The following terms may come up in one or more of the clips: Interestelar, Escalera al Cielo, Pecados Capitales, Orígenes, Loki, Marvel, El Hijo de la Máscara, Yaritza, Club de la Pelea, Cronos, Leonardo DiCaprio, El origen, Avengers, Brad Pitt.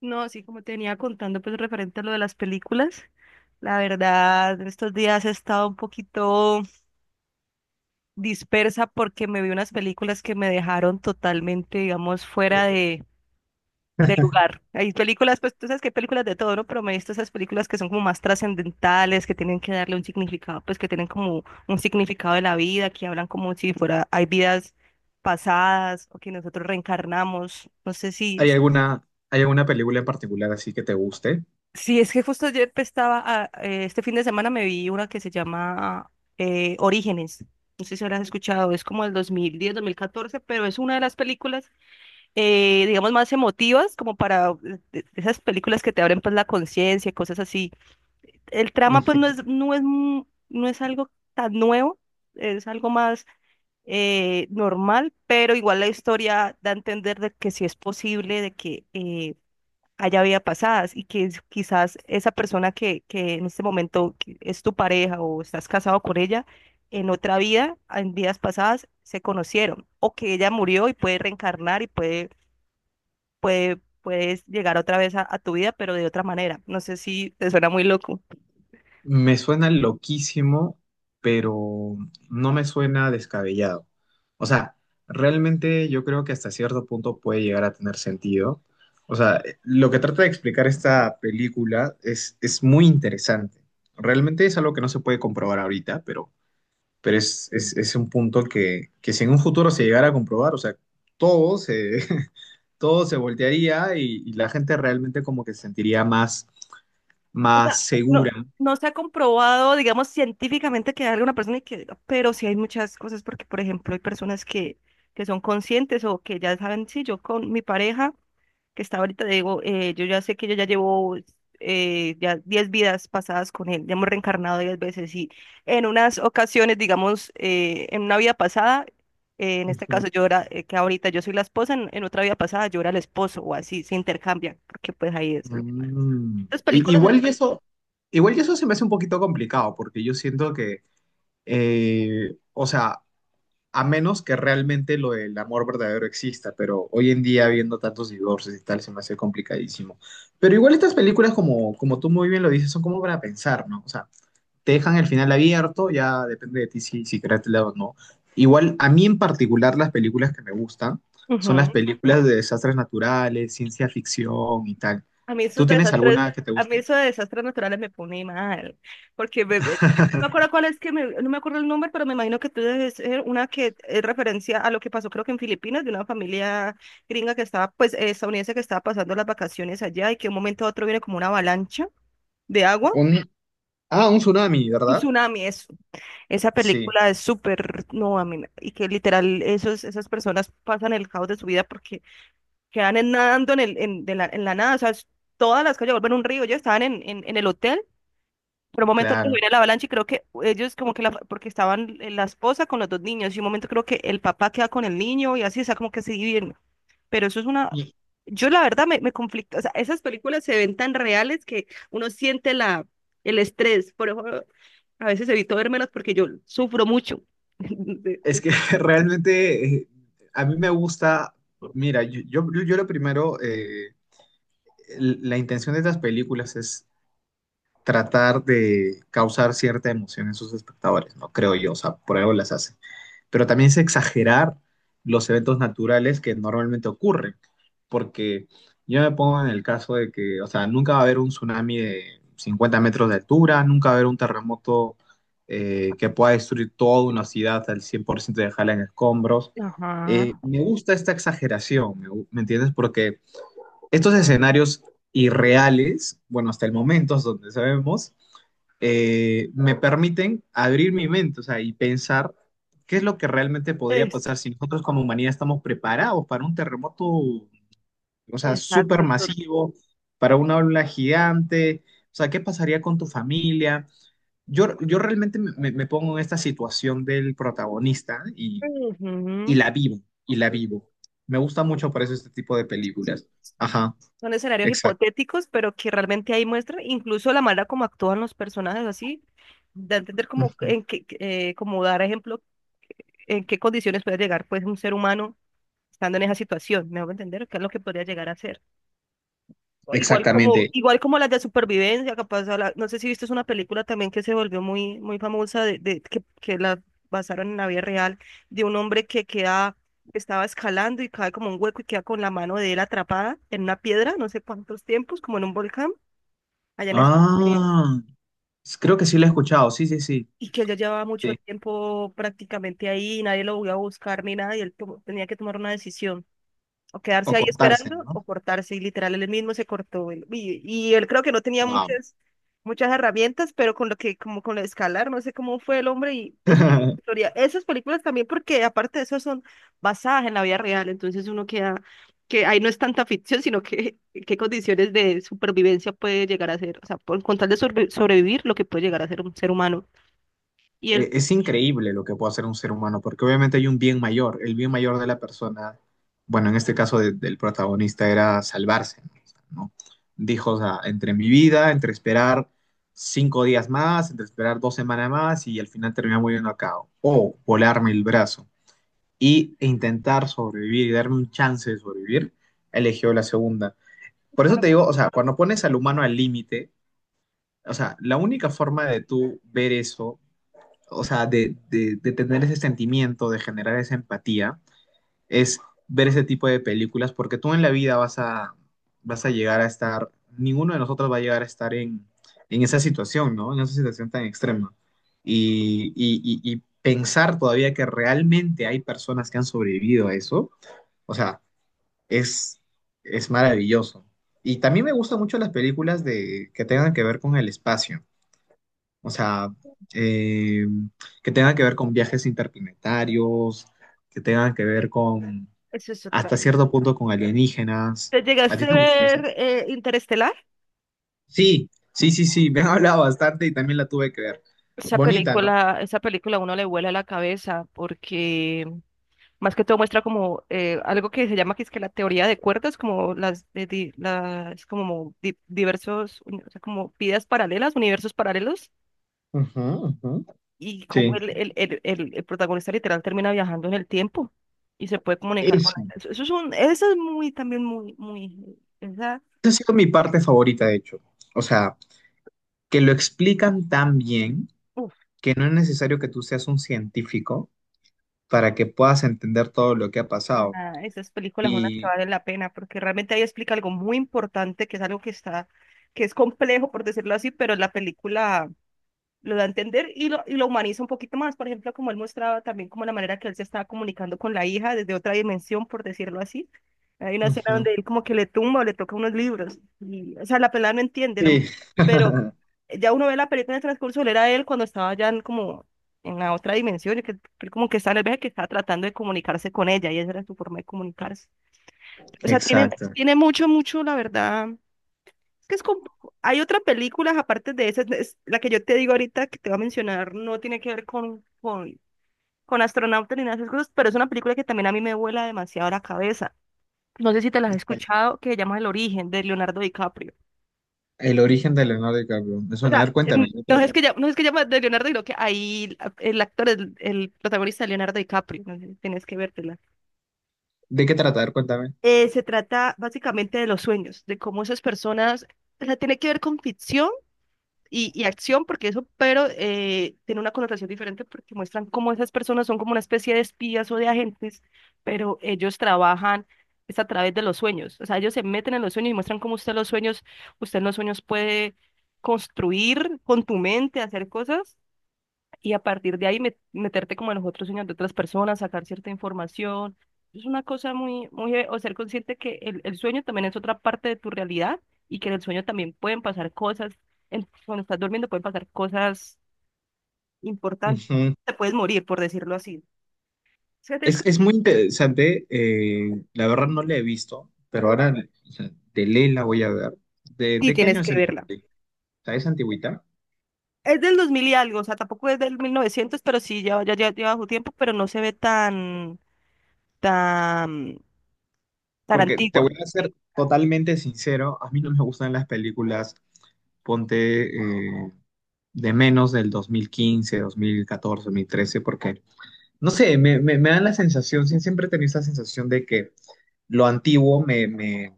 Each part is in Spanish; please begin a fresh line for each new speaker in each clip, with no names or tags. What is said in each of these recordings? No, así como te venía contando, pues referente a lo de las películas, la verdad, en estos días he estado un poquito dispersa porque me vi unas películas que me dejaron totalmente, digamos, fuera de lugar. Hay películas, pues tú sabes que hay películas de todo, ¿no? Pero me he visto esas películas que son como más trascendentales, que tienen que darle un significado, pues que tienen como un significado de la vida, que hablan como si fuera, hay vidas pasadas o que nosotros reencarnamos. No sé si.
¿Hay alguna película en particular así que te guste?
Sí, es que justo ayer pues, estaba, este fin de semana me vi una que se llama Orígenes. No sé si habrás escuchado, es como el 2010, 2014, pero es una de las películas, digamos, más emotivas, como para de esas películas que te abren pues la conciencia, cosas así. El trama pues
Ujú.
no es algo tan nuevo, es algo más normal, pero igual la historia da a entender de que sí es posible, de que haya vida pasadas y que quizás esa persona que en este momento que es tu pareja o estás casado con ella, en otra vida, en vidas pasadas, se conocieron o que ella murió y puede reencarnar y puedes llegar otra vez a tu vida, pero de otra manera. No sé si te suena muy loco.
Me suena loquísimo, pero no me suena descabellado. O sea, realmente yo creo que hasta cierto punto puede llegar a tener sentido. O sea, lo que trata de explicar esta película es muy interesante. Realmente es algo que no se puede comprobar ahorita, pero es un punto que si en un futuro se llegara a comprobar, o sea, todo se, todo se voltearía y la gente realmente como que se sentiría más,
O
más
sea, no,
segura.
no se ha comprobado, digamos, científicamente que haya una persona y que diga, pero sí hay muchas cosas porque, por ejemplo, hay personas que son conscientes o que ya saben, sí, yo con mi pareja que está ahorita, digo, yo ya sé que yo ya llevo ya 10 vidas pasadas con él, ya hemos reencarnado 10 veces y en unas ocasiones, digamos, en una vida pasada, en este caso
Ujú.
yo era, que ahorita yo soy la esposa, en otra vida pasada yo era el esposo o así, se intercambian, porque pues ahí es.
Mm.
Las
I-
películas
Igual y
eh,
eso, igual y eso se me hace un poquito complicado, porque yo siento que, o sea, a menos que realmente lo del amor verdadero exista, pero hoy en día viendo tantos divorcios y tal, se me hace complicadísimo. Pero igual estas películas, como tú muy bien lo dices, son como para pensar, ¿no? O sea, te dejan el final abierto, ya depende de ti si creas el lado o no. Igual, a mí en particular, las películas que me gustan son las
Ujú.
películas de desastres naturales, ciencia ficción y tal.
A mí esos
¿Tú tienes
desastres,
alguna que te
a mí
guste?
esos desastres naturales me pone mal, porque no me acuerdo cuál es que no me acuerdo el nombre, pero me imagino que tú debes ser una que es referencia a lo que pasó creo que en Filipinas de una familia gringa que estaba, pues estadounidense que estaba pasando las vacaciones allá y que de un momento a otro viene como una avalancha de agua,
Un, un tsunami,
un
¿verdad?
tsunami, eso. Esa
Sí,
película es súper, no, a mí, y que literal esos, esas personas pasan el caos de su vida porque quedan nadando en, el, en, de la, en la nada, o sea, es- todas las calles vuelven un río, ellos estaban en el hotel, pero un momento que se
claro.
viene la avalancha y creo que ellos como que la, porque estaban la esposa con los dos niños y un momento creo que el papá queda con el niño y así, o sea, como que se dividen, pero eso es una,
Y
yo la verdad me conflicto, o sea, esas películas se ven tan reales que uno siente el estrés, por eso a veces evito vermelas porque yo sufro mucho. de-
es que realmente a mí me gusta, mira, yo lo primero, la intención de estas películas es tratar de causar cierta emoción en sus espectadores, ¿no? Creo yo, o sea, por algo las hace. Pero también es exagerar los eventos naturales que normalmente ocurren, porque yo me pongo en el caso de que, o sea, nunca va a haber un tsunami de 50 metros de altura, nunca va a haber un terremoto que pueda destruir toda una ciudad al 100% de dejarla en escombros. Eh,
Ajá.
me gusta esta exageración, ¿me entiendes? Porque estos escenarios irreales, bueno, hasta el momento es donde sabemos, me permiten abrir mi mente, o sea, y pensar qué es lo que realmente podría
es-
pasar si nosotros como humanidad estamos preparados para un terremoto, o sea, súper
exacto,
masivo, para una ola gigante, o sea, qué pasaría con tu familia. Yo realmente me pongo en esta situación del protagonista y
Ujú.
la vivo, y la vivo. Me gusta mucho por eso este tipo de películas. Ajá.
Son escenarios hipotéticos, pero que realmente ahí muestra incluso la manera como actúan los personajes, así, de entender como,
Ujú.
en qué, como dar ejemplo en qué condiciones puede llegar pues un ser humano estando en esa situación, me hago entender qué es lo que podría llegar a ser.
Exactamente.
Igual como las de supervivencia, capaz, no sé si viste es una película también que se volvió muy, muy famosa, que la basaron en la vida real, de un hombre que queda, que estaba escalando y cae como un hueco y queda con la mano de él atrapada en una piedra, no sé cuántos tiempos, como en un volcán allá en Estados Unidos,
Ah, creo que sí lo he escuchado. Sí, sí, sí.
y que yo llevaba mucho
Sí.
tiempo prácticamente ahí y nadie lo voy a buscar ni nada y él tenía que tomar una decisión. O
O
quedarse ahí
cortarse,
esperando
¿no?
o cortarse. Y literal, él mismo se cortó. Y él creo que no tenía
Wow.
muchas, muchas herramientas, pero con lo que, como con lo de escalar, no sé cómo fue el hombre. Y eso es una historia. Esas películas también, porque aparte de eso, son basadas en la vida real. Entonces uno queda, que ahí no es tanta ficción, sino que qué condiciones de supervivencia puede llegar a ser. O sea, por, con tal de sobrevivir, lo que puede llegar a ser un ser humano. Y
E-
él,
Es increíble lo que puede hacer un ser humano, porque obviamente hay un bien mayor. El bien mayor de la persona, bueno, en este caso del protagonista era salvarse, ¿no? O sea, ¿no? Dijo, o sea, entre mi vida, entre esperar 5 días más, entre esperar 2 semanas más y al final terminar muriendo acá, o volarme el brazo. E intentar sobrevivir y darme un chance de sobrevivir, eligió la segunda. Por eso
claro,
te digo, o sea, cuando pones al humano al límite, o sea, la única forma de tú ver eso, o sea, de tener ese sentimiento, de generar esa empatía, es ver ese tipo de películas, porque tú en la vida vas a llegar a estar, ninguno de nosotros va a llegar a estar en esa situación, ¿no? En esa situación tan extrema. Y pensar todavía que realmente hay personas que han sobrevivido a eso, o sea, es, es maravilloso. Y también me gustan mucho las películas de, que tengan que ver con el espacio. O sea, eh, que tengan que ver con viajes interplanetarios, que tengan que ver con,
eso es otra.
hasta cierto punto, con alienígenas.
¿Te
¿A ti
llegaste a
te gustan
ver
esas?
Interestelar?
Sí, sí, sí, sí. Me han hablado bastante y también la tuve que ver. Bonita, ¿no?
Esa película a uno le vuela la cabeza porque más que todo muestra como algo que se llama que es que la teoría de cuerdas, como las, de di- las como di- o sea, como vidas paralelas, universos paralelos,
Ujú, ujú.
y como
Sí.
el protagonista literal termina viajando en el tiempo y se puede comunicar con
Eso.
la... Eso es un, eso es muy, también muy, muy, esa,
Esa ha sido mi parte favorita, de hecho. O sea, que lo explican tan bien que no es necesario que tú seas un científico para que puedas entender todo lo que ha pasado.
Ajá, esas películas son las que
Y.
valen la pena, porque realmente ahí explica algo muy importante, que es algo que está, que es complejo, por decirlo así, pero la película lo da a entender y y lo humaniza un poquito más. Por ejemplo, como él mostraba también como la manera que él se estaba comunicando con la hija desde otra dimensión, por decirlo así. Hay una escena
Ujú.
donde él como que le tumba o le toca unos libros. Y, o sea, la pelada no entiende, la
Sí.
muchacha, pero ya uno ve la película en el transcurso, él era él cuando estaba ya en como en la otra dimensión, y que él como que está en el viaje que está tratando de comunicarse con ella, y esa era su forma de comunicarse. O sea, tiene,
Exacto.
tiene mucho, mucho, la verdad. Es que es hay otras películas aparte de esas, la que yo te digo ahorita que te voy a mencionar, no tiene que ver con, con astronautas ni nada de esas cosas, pero es una película que también a mí me vuela demasiado la cabeza. No sé si te la has
Bueno,
escuchado, que se llama El origen, de Leonardo DiCaprio.
el origen de Leonardo DiCaprio. Me
O
suena. A
sea,
ver, cuéntame. ¿De qué trata?
no es que llama de Leonardo, sino que ahí el actor, el protagonista de Leonardo DiCaprio, no sé si tienes que vértela.
¿De qué trata? A ver, cuéntame.
Se trata básicamente de los sueños, de cómo esas personas, o sea, tiene que ver con ficción y acción, porque eso, pero tiene una connotación diferente porque muestran cómo esas personas son como una especie de espías o de agentes, pero ellos trabajan es a través de los sueños. O sea, ellos se meten en los sueños y muestran cómo usted los sueños, usted en los sueños puede construir con tu mente, hacer cosas y a partir de ahí meterte como en los otros sueños de otras personas, sacar cierta información. Es una cosa muy, muy, o ser consciente que el sueño también es otra parte de tu realidad y que en el sueño también pueden pasar cosas, cuando estás durmiendo pueden pasar cosas importantes,
Ujú.
te puedes morir, por decirlo así. O sea,
Es muy interesante. La verdad no la he visto, pero ahora o sea, de ley la voy a ver. ¿De,
Sí,
de qué año
tienes
es
que
el,
verla.
o sea, es antigüita?
Es del 2000 y algo, o sea, tampoco es del 1900 pero sí, ya, ya, ya lleva su tiempo, pero no se ve tan, tan, tan
Porque te
antigua.
voy a ser totalmente sincero, a mí no me gustan las películas, ponte, eh, de menos del dos mil quince 2014 2013 porque, no sé, me dan la sensación, sí, siempre he tenido esa sensación de que lo antiguo me, me,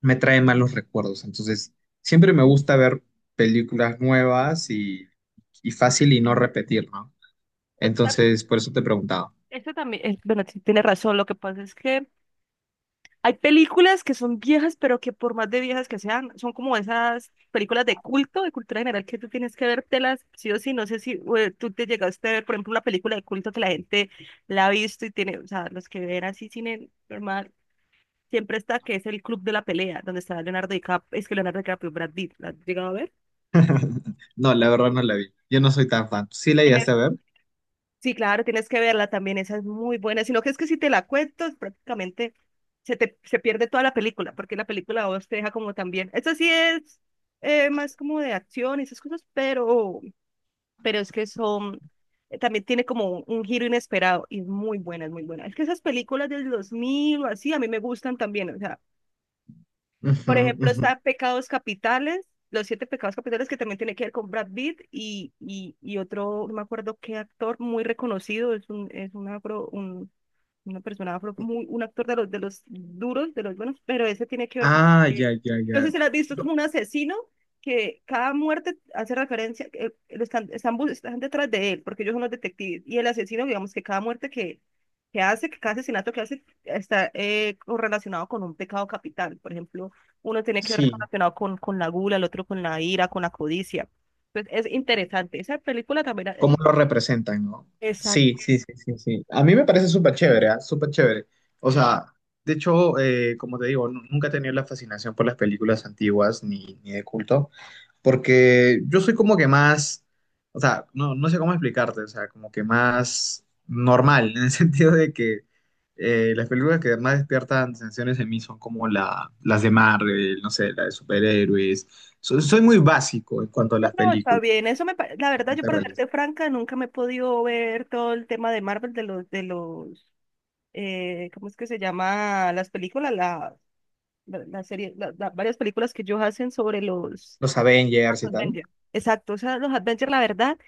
me trae malos recuerdos. Entonces, siempre me gusta ver películas nuevas y fácil y no repetir, ¿no?
Pues,
Entonces, por eso te preguntaba.
esto también, bueno, sí tiene razón. Lo que pasa es que hay películas que son viejas, pero que por más de viejas que sean, son como esas películas de culto, de cultura general, que tú tienes que vértelas sí o sí. No sé si tú te llegaste a ver, por ejemplo, una película de culto que la gente la ha visto y tiene, o sea, los que ven así cine normal, siempre está que es el Club de la Pelea, donde está Leonardo DiCaprio, es que Leonardo DiCaprio, Brad Pitt, ¿la has llegado a ver?
No, la verdad no la vi. Yo no soy tan fan. ¿Sí la llegaste a ver?
Sí, claro, tienes que verla también, esa es muy buena, sino que es que si te la cuento, es prácticamente se te se pierde toda la película, porque la película a vos te deja como también. Esta sí es más como de acción y esas cosas, pero es que son, también tiene como un giro inesperado y es muy buena, es muy buena. Es que esas películas del 2000 o así a mí me gustan también, o sea,
Ujú,
por ejemplo,
ujú.
está Pecados Capitales, los siete pecados capitales que también tiene que ver con Brad Pitt y otro, no me acuerdo qué actor muy reconocido, es un, una persona afro, muy, un actor de los duros, de los buenos, pero ese tiene que ver con
Ah,
que,
ya, ya,
no
ya.
sé si lo has visto, es
No.
como un asesino que cada muerte hace referencia, lo están detrás de él, porque ellos son los detectives, y el asesino, digamos que cada muerte que hace, que cada asesinato que hace, está correlacionado con un pecado capital, por ejemplo, uno tiene que ver
Sí.
relacionado con la gula, el otro con la ira, con la codicia. Entonces, es interesante. Esa película también,
¿Cómo lo representan, no?
esa,
Sí, sí, sí, sí, sí. A mí me parece súper chévere, ¿ah? Súper chévere. O sea, de hecho, como te digo, nunca he tenido la fascinación por las películas antiguas ni de culto, porque yo soy como que más, o sea, no sé cómo explicarte, o sea, como que más normal, en el sentido de que las películas que más despiertan sensaciones en mí son como las de Marvel, no sé, la de superhéroes. Soy muy básico en cuanto a
no,
las
no, está
películas
bien. Eso me, la verdad, yo para
realmente
serte franca, nunca me he podido ver todo el tema de Marvel, de los, ¿cómo es que se llama? Las películas, la serie, varias películas que ellos hacen sobre los
los Avengers y tal.
Avengers. Exacto, o sea, los Avengers, la verdad,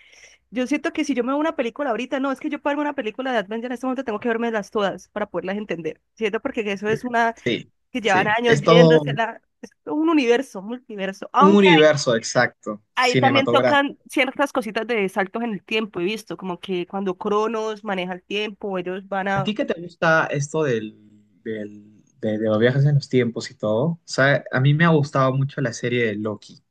yo siento que si yo me veo una película ahorita, no, es que yo para verme una película de Avengers en este momento tengo que vermelas todas para poderlas entender, ¿cierto? Porque eso es una
Sí,
que llevan
sí.
años
Es todo
viéndosela, es un universo, multiverso,
un
aunque.
universo exacto,
Ahí también
cinematográfico.
tocan ciertas cositas de saltos en el tiempo, he visto, como que cuando Cronos maneja el tiempo, ellos van
¿A
a...
ti qué te gusta esto del- de los viajes en los tiempos y todo? O sea, a mí me ha gustado mucho la serie de Loki.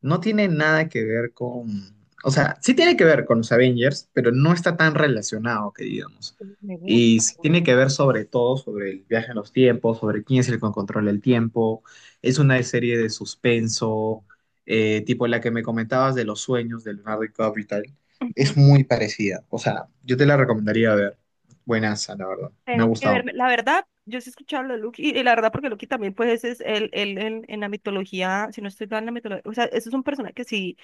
No tiene nada que ver con, o sea, sí tiene que ver con los Avengers, pero no está tan relacionado, que digamos.
Me
Y
gusta, me
sí
gusta.
tiene que ver sobre todo sobre el viaje en los tiempos, sobre quién es el que controla el tiempo. Es una serie de suspenso, tipo la que me comentabas de los sueños de Leonardo DiCaprio y tal.
Ujú.
Es muy parecida, o sea, yo te la recomendaría ver. Buenaza, la verdad. Me ha
Tengo que
gustado.
verme, la verdad, yo sí he escuchado lo de Loki, y la verdad porque Loki también pues es en la mitología, si no estoy mal en la mitología, o sea, eso es un personaje que sí,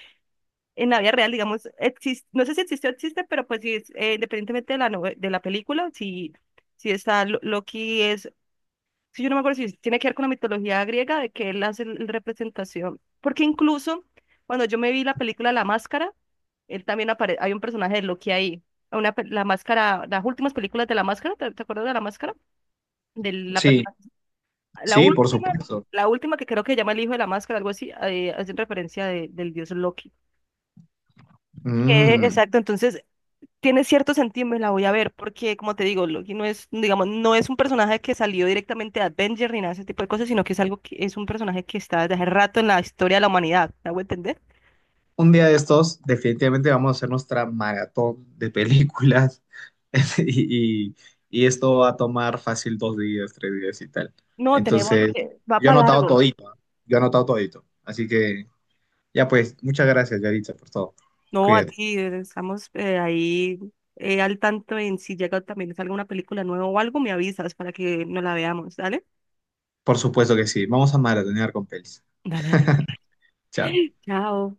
en la vida real, digamos, existe, no sé si existe o existe, pero pues sí, es, independientemente de la película, sí, sí está, Loki es si yo no me acuerdo si tiene que ver con la mitología griega, de que él hace la representación, porque incluso cuando yo me vi la película La Máscara, él también aparece, hay un personaje de Loki ahí, una, la máscara, las últimas películas de La Máscara, ¿te acuerdas de La Máscara? De la
Sí,
persona, la
sí, por
última,
supuesto.
la última que creo que se llama El Hijo de la Máscara, algo así, hacen referencia del dios Loki.
Mm.
Exacto, entonces tiene cierto sentido, me la voy a ver, porque como te digo, Loki no es, digamos, no es un personaje que salió directamente de Avengers ni nada de ese tipo de cosas, sino que es algo que es un personaje que está desde hace rato en la historia de la humanidad, ¿me hago entender?
Un día de estos, definitivamente vamos a hacer nuestra maratón de películas y, y- y esto va a tomar fácil 2 días, 3 días y tal.
No, tenemos
Entonces,
que, va
yo he
para
anotado
largo.
todito, ¿ah? Yo he anotado todito. Así que, ya pues, muchas gracias, Yaritza, por todo.
No,
Cuídate.
aquí estamos ahí al tanto en si llega también salga una película nueva o algo, me avisas para que nos la veamos, ¿dale?
Por supuesto que sí. Vamos a maratonear con pelis.
Dale, dale.
Chao.
Chao.